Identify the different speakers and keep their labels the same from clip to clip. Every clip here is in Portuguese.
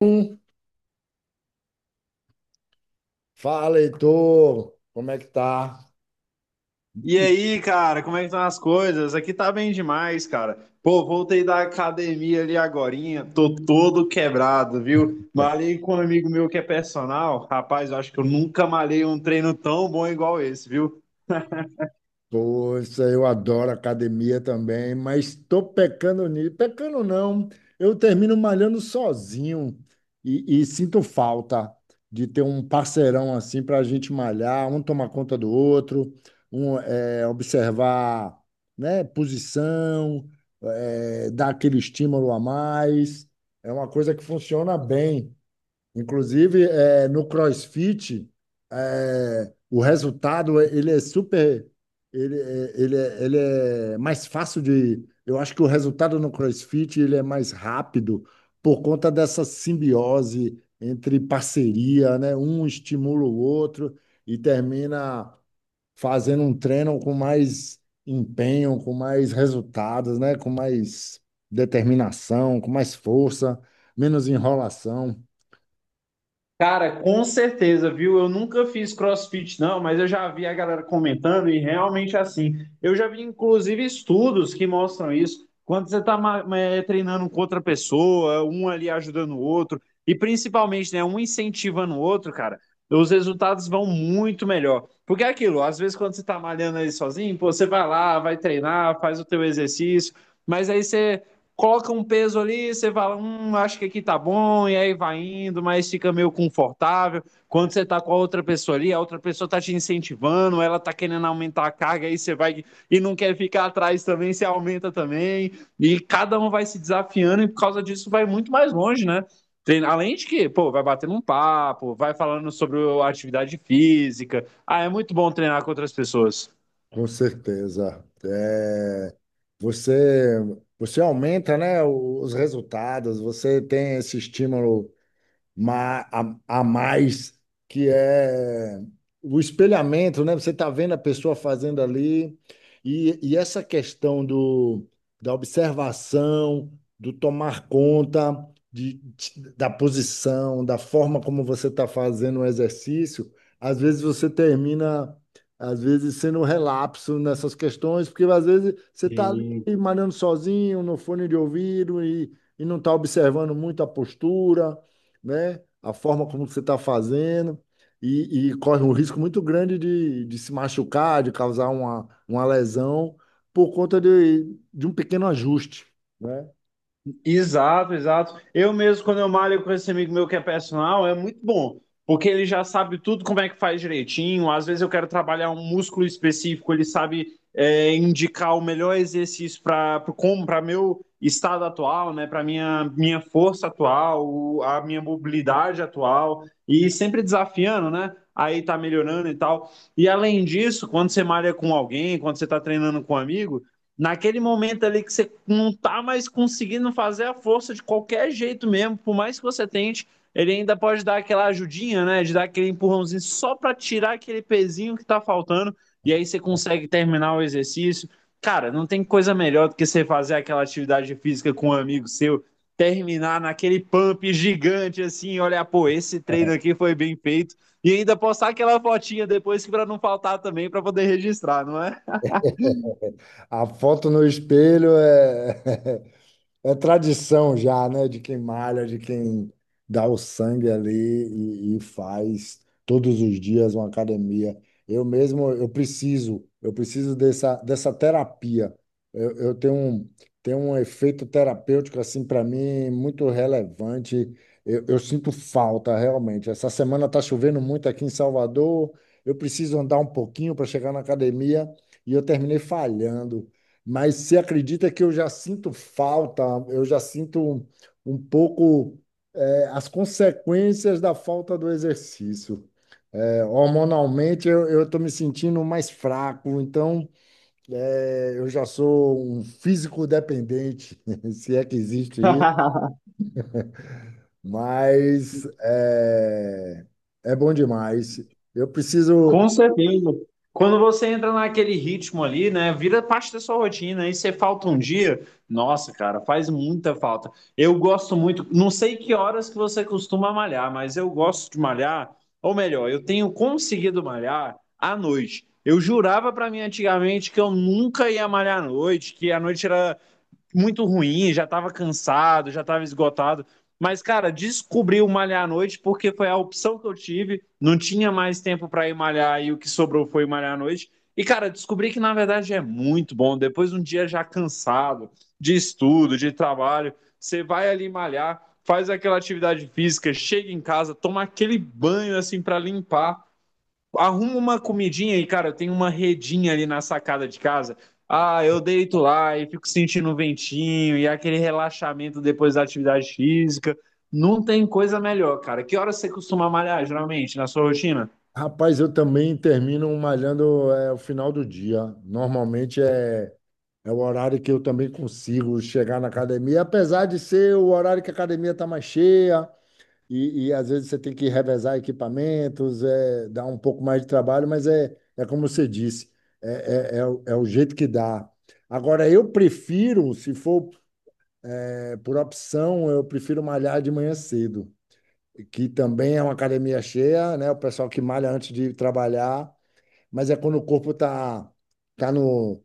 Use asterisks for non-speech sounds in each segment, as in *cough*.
Speaker 1: Hum, Fala, Heitor, como é que tá?
Speaker 2: E aí, cara, como é que estão as coisas? Aqui tá bem demais, cara. Pô, voltei da academia ali agorinha, tô todo quebrado, viu? Malhei com um amigo meu que é personal. Rapaz, eu acho que eu nunca malhei um treino tão bom igual esse, viu?
Speaker 1: Poxa, eu adoro academia também, mas tô pecando nisso. Pecando não, eu termino malhando sozinho e sinto falta de ter um parceirão assim para a gente malhar, um tomar conta do outro, um observar, né, posição, dar aquele estímulo a mais. É uma coisa que funciona bem. Inclusive, é, no CrossFit, é, o resultado ele é super, ele, ele é mais fácil de. Eu acho que o resultado no CrossFit ele é mais rápido por conta dessa simbiose entre parceria, né? Um estimula o outro e termina fazendo um treino com mais empenho, com mais resultados, né? Com mais determinação, com mais força, menos enrolação.
Speaker 2: Cara, com certeza, viu? Eu nunca fiz CrossFit, não, mas eu já vi a galera comentando e realmente é assim. Eu já vi, inclusive, estudos que mostram isso. Quando você está treinando com outra pessoa, um ali ajudando o outro, e principalmente, né, um incentivando o outro, cara, os resultados vão muito melhor. Porque é aquilo, às vezes, quando você está malhando ali sozinho, pô, você vai lá, vai treinar, faz o teu exercício, mas aí você coloca um peso ali, você fala, acho que aqui tá bom, e aí vai indo, mas fica meio confortável. Quando você tá com a outra pessoa ali, a outra pessoa tá te incentivando, ela tá querendo aumentar a carga, aí você vai e não quer ficar atrás também, você aumenta também, e cada um vai se desafiando, e por causa disso vai muito mais longe, né? Tem, além de que, pô, vai batendo um papo, vai falando sobre a atividade física. Ah, é muito bom treinar com outras pessoas.
Speaker 1: Com certeza. É, você, você aumenta, né, os resultados, você tem esse estímulo a mais, que é o espelhamento, né? Você está vendo a pessoa fazendo ali, e essa questão da observação, do tomar conta da posição, da forma como você está fazendo o exercício, às vezes você termina. Às vezes sendo um relapso nessas questões, porque às vezes você está ali malhando sozinho, no fone de ouvido, e não está observando muito a postura, né? A forma como você está fazendo e corre um risco muito grande de se machucar, de causar uma lesão por conta de um pequeno ajuste, né?
Speaker 2: Exato, exato. Eu mesmo, quando eu malho com esse amigo meu que é personal, é muito bom, porque ele já sabe tudo como é que faz direitinho. Às vezes eu quero trabalhar um músculo específico, ele sabe é, indicar o melhor exercício para como para meu estado atual, né? Para minha força atual, a minha mobilidade atual e sempre desafiando, né? Aí tá melhorando e tal. E além disso, quando você malha com alguém, quando você tá treinando com um amigo naquele momento ali que você não tá mais conseguindo fazer a força de qualquer jeito mesmo, por mais que você tente, ele ainda pode dar aquela ajudinha, né? De dar aquele empurrãozinho só para tirar aquele pezinho que tá faltando, e aí você consegue terminar o exercício. Cara, não tem coisa melhor do que você fazer aquela atividade física com um amigo seu, terminar naquele pump gigante assim, olha, pô, esse treino aqui foi bem feito. E ainda postar aquela fotinha depois que para não faltar também para poder registrar, não é?
Speaker 1: A foto no espelho é, *laughs* é tradição já, né? De quem malha, de quem dá o sangue ali e faz todos os dias uma academia. Eu mesmo, eu preciso dessa terapia. Eu tenho tenho um efeito terapêutico, assim, para mim, muito relevante. Eu sinto falta, realmente. Essa semana está chovendo muito aqui em Salvador. Eu preciso andar um pouquinho para chegar na academia e eu terminei falhando. Mas você acredita que eu já sinto falta, eu já sinto um pouco as consequências da falta do exercício. Hormonalmente, eu estou me sentindo mais fraco, então eu já sou um físico dependente, *laughs* se é que existe isso,
Speaker 2: *laughs*
Speaker 1: mas é bom demais. Eu
Speaker 2: Com
Speaker 1: preciso.
Speaker 2: certeza. Quando você entra naquele ritmo ali, né, vira parte da sua rotina, aí você falta um dia, nossa, cara, faz muita falta. Eu gosto muito, não sei que horas que você costuma malhar, mas eu gosto de malhar, ou melhor, eu tenho conseguido malhar à noite. Eu jurava pra mim antigamente que eu nunca ia malhar à noite, que a noite era muito ruim, já tava cansado, já tava esgotado. Mas, cara, descobri o malhar à noite porque foi a opção que eu tive. Não tinha mais tempo para ir malhar e o que sobrou foi malhar à noite. E, cara, descobri que na verdade é muito bom. Depois de um dia já cansado de estudo, de trabalho, você vai ali malhar, faz aquela atividade física, chega em casa, toma aquele banho assim para limpar arruma uma comidinha e, cara, tem uma redinha ali na sacada de casa. Ah, eu deito lá e fico sentindo o ventinho e aquele relaxamento depois da atividade física. Não tem coisa melhor, cara. Que hora você costuma malhar, geralmente, na sua rotina?
Speaker 1: Rapaz, eu também termino malhando o final do dia. Normalmente é É o horário que eu também consigo chegar na academia, apesar de ser o horário que a academia está mais cheia e às vezes você tem que revezar equipamentos, é, dá um pouco mais de trabalho, mas é, é como você disse, é o jeito que dá. Agora, eu prefiro, se for, é, por opção, eu prefiro malhar de manhã cedo, que também é uma academia cheia, né? O pessoal que malha antes de trabalhar, mas é quando o corpo está tá tá no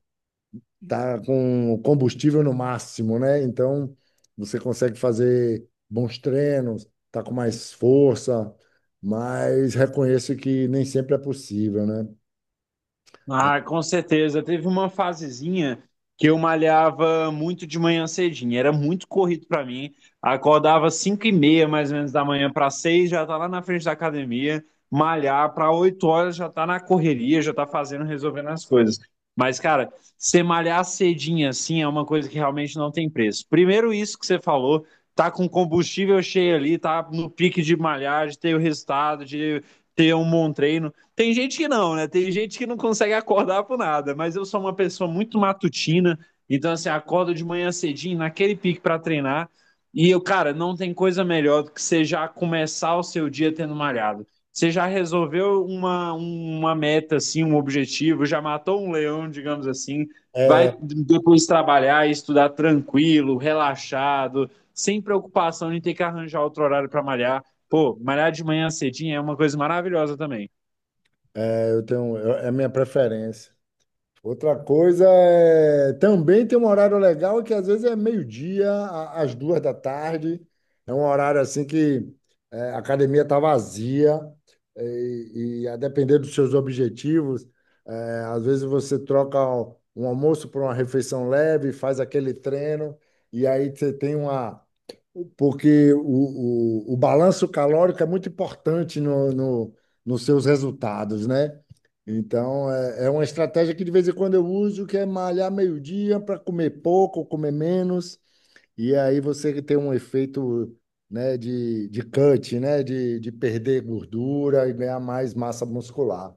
Speaker 1: tá com o combustível no máximo, né? Então você consegue fazer bons treinos, tá com mais força, mas reconheço que nem sempre é possível, né?
Speaker 2: Ah, com certeza. Teve uma fasezinha que eu malhava muito de manhã cedinho. Era muito corrido para mim. Acordava 5:30, mais ou menos, da manhã para 6, já tá lá na frente da academia, malhar para 8 horas, já tá na correria, já tá fazendo, resolvendo as coisas. Mas, cara, você malhar cedinho assim é uma coisa que realmente não tem preço. Primeiro, isso que você falou, tá com combustível cheio ali, tá no pique de malhar, de ter o resultado, de ter um bom treino. Tem gente que não, né? Tem gente que não consegue acordar por nada, mas eu sou uma pessoa muito matutina, então assim, acordo de manhã cedinho, naquele pique para treinar, e eu, cara, não tem coisa melhor do que você já começar o seu dia tendo malhado. Você já resolveu uma meta, assim, um objetivo, já matou um leão, digamos assim,
Speaker 1: É,
Speaker 2: vai depois trabalhar e estudar tranquilo, relaxado, sem preocupação de ter que arranjar outro horário para malhar. Pô, malhar de manhã cedinho é uma coisa maravilhosa também.
Speaker 1: é, eu tenho, é a minha preferência. Outra coisa é também tem um horário legal que às vezes é meio-dia, às duas da tarde. É um horário assim que é, a academia está vazia e a depender dos seus objetivos, é, às vezes você troca um almoço por uma refeição leve, faz aquele treino e aí você tem uma porque o balanço calórico é muito importante no, no, nos seus resultados, né? Então, é, é uma estratégia que de vez em quando eu uso, que é malhar meio-dia para comer pouco, comer menos, e aí você tem um efeito, né, de cut, né, de perder gordura e ganhar mais massa muscular.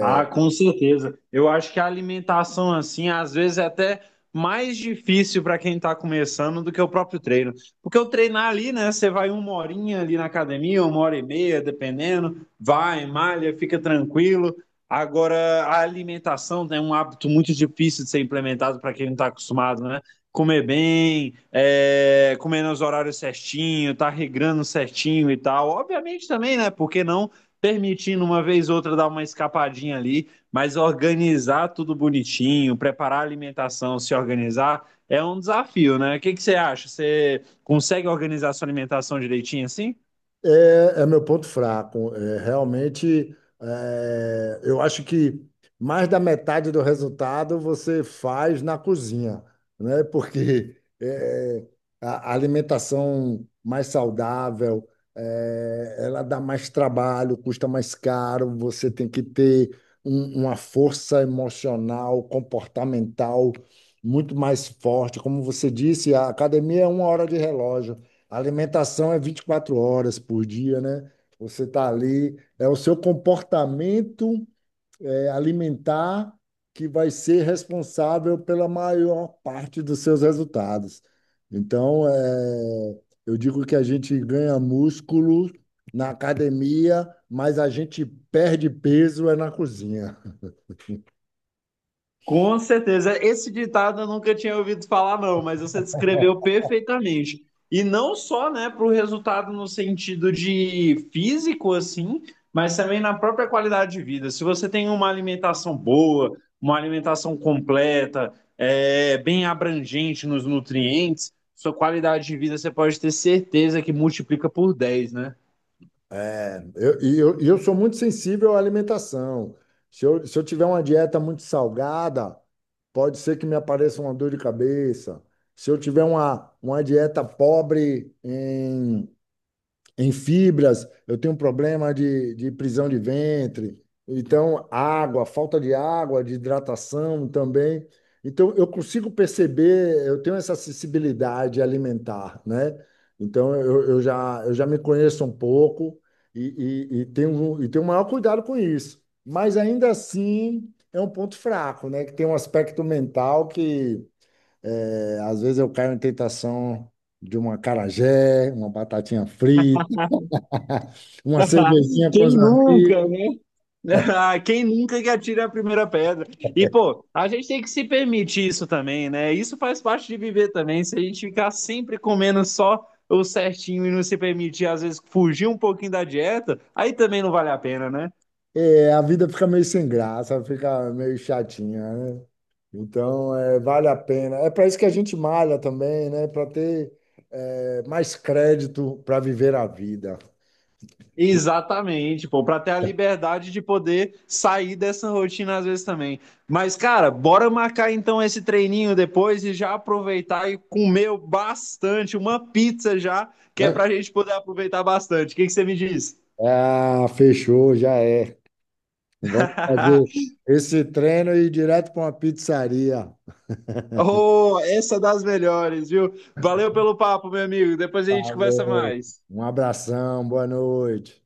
Speaker 2: Ah, com certeza. Eu acho que a alimentação, assim, às vezes é até mais difícil para quem está começando do que o próprio treino. Porque o treinar ali, né? Você vai uma horinha ali na academia, uma hora e meia, dependendo, vai, malha, fica tranquilo. Agora, a alimentação né, é um hábito muito difícil de ser implementado para quem não está acostumado, né? Comer bem, é, comer nos horários certinho, tá regrando certinho e tal. Obviamente também, né? Por que não? Permitindo uma vez ou outra dar uma escapadinha ali, mas organizar tudo bonitinho, preparar a alimentação, se organizar, é um desafio, né? O que que você acha? Você consegue organizar a sua alimentação direitinho assim?
Speaker 1: É, é meu ponto fraco. É, realmente, é, eu acho que mais da metade do resultado você faz na cozinha, né? Porque é, a alimentação mais saudável, é, ela dá mais trabalho, custa mais caro, você tem que ter uma força emocional, comportamental muito mais forte. Como você disse, a academia é uma hora de relógio. A alimentação é 24 horas por dia, né? Você está ali, é o seu comportamento é, alimentar que vai ser responsável pela maior parte dos seus resultados. Então, é, eu digo que a gente ganha músculo na academia, mas a gente perde peso é na cozinha.
Speaker 2: Com certeza. Esse ditado eu nunca tinha ouvido falar, não, mas você
Speaker 1: *laughs*
Speaker 2: descreveu perfeitamente. E não só, né, para o resultado no sentido de físico, assim, mas também na própria qualidade de vida. Se você tem uma alimentação boa, uma alimentação completa, é, bem abrangente nos nutrientes, sua qualidade de vida você pode ter certeza que multiplica por 10, né?
Speaker 1: É, e eu sou muito sensível à alimentação. Se eu tiver uma dieta muito salgada, pode ser que me apareça uma dor de cabeça. Se eu tiver uma dieta pobre em fibras, eu tenho um problema de prisão de ventre, então água, falta de água, de hidratação também. Então eu consigo perceber, eu tenho essa sensibilidade alimentar, né? Então eu já me conheço um pouco e tenho o maior cuidado com isso. Mas ainda assim é um ponto fraco, né? Que tem um aspecto mental que às vezes eu caio em tentação de uma acarajé, uma batatinha frita. *laughs* Uma
Speaker 2: *laughs*
Speaker 1: cervejinha com os
Speaker 2: Quem nunca,
Speaker 1: amigos,
Speaker 2: né? *laughs* Quem nunca que atira a primeira pedra? E, pô, a gente tem que se permitir isso também, né? Isso faz parte de viver também. Se a gente ficar sempre comendo só o certinho e não se permitir, às vezes, fugir um pouquinho da dieta, aí também não vale a pena, né?
Speaker 1: é, a vida fica meio sem graça, fica meio chatinha, né? Então, é, vale a pena. É para isso que a gente malha também, né? Para ter, é, mais crédito para viver a vida.
Speaker 2: Exatamente, pô, para ter a liberdade de poder sair dessa rotina às vezes também. Mas, cara, bora marcar então esse treininho depois e já aproveitar e comer bastante, uma pizza já, que é
Speaker 1: Hã?
Speaker 2: pra gente poder aproveitar bastante. O que que você me diz?
Speaker 1: Ah, fechou, já é. Vamos
Speaker 2: *laughs*
Speaker 1: fazer esse treino e ir direto para uma pizzaria.
Speaker 2: Oh, essa é das melhores, viu? Valeu pelo papo, meu amigo. Depois a gente conversa
Speaker 1: Valeu,
Speaker 2: mais.
Speaker 1: um abração, boa noite.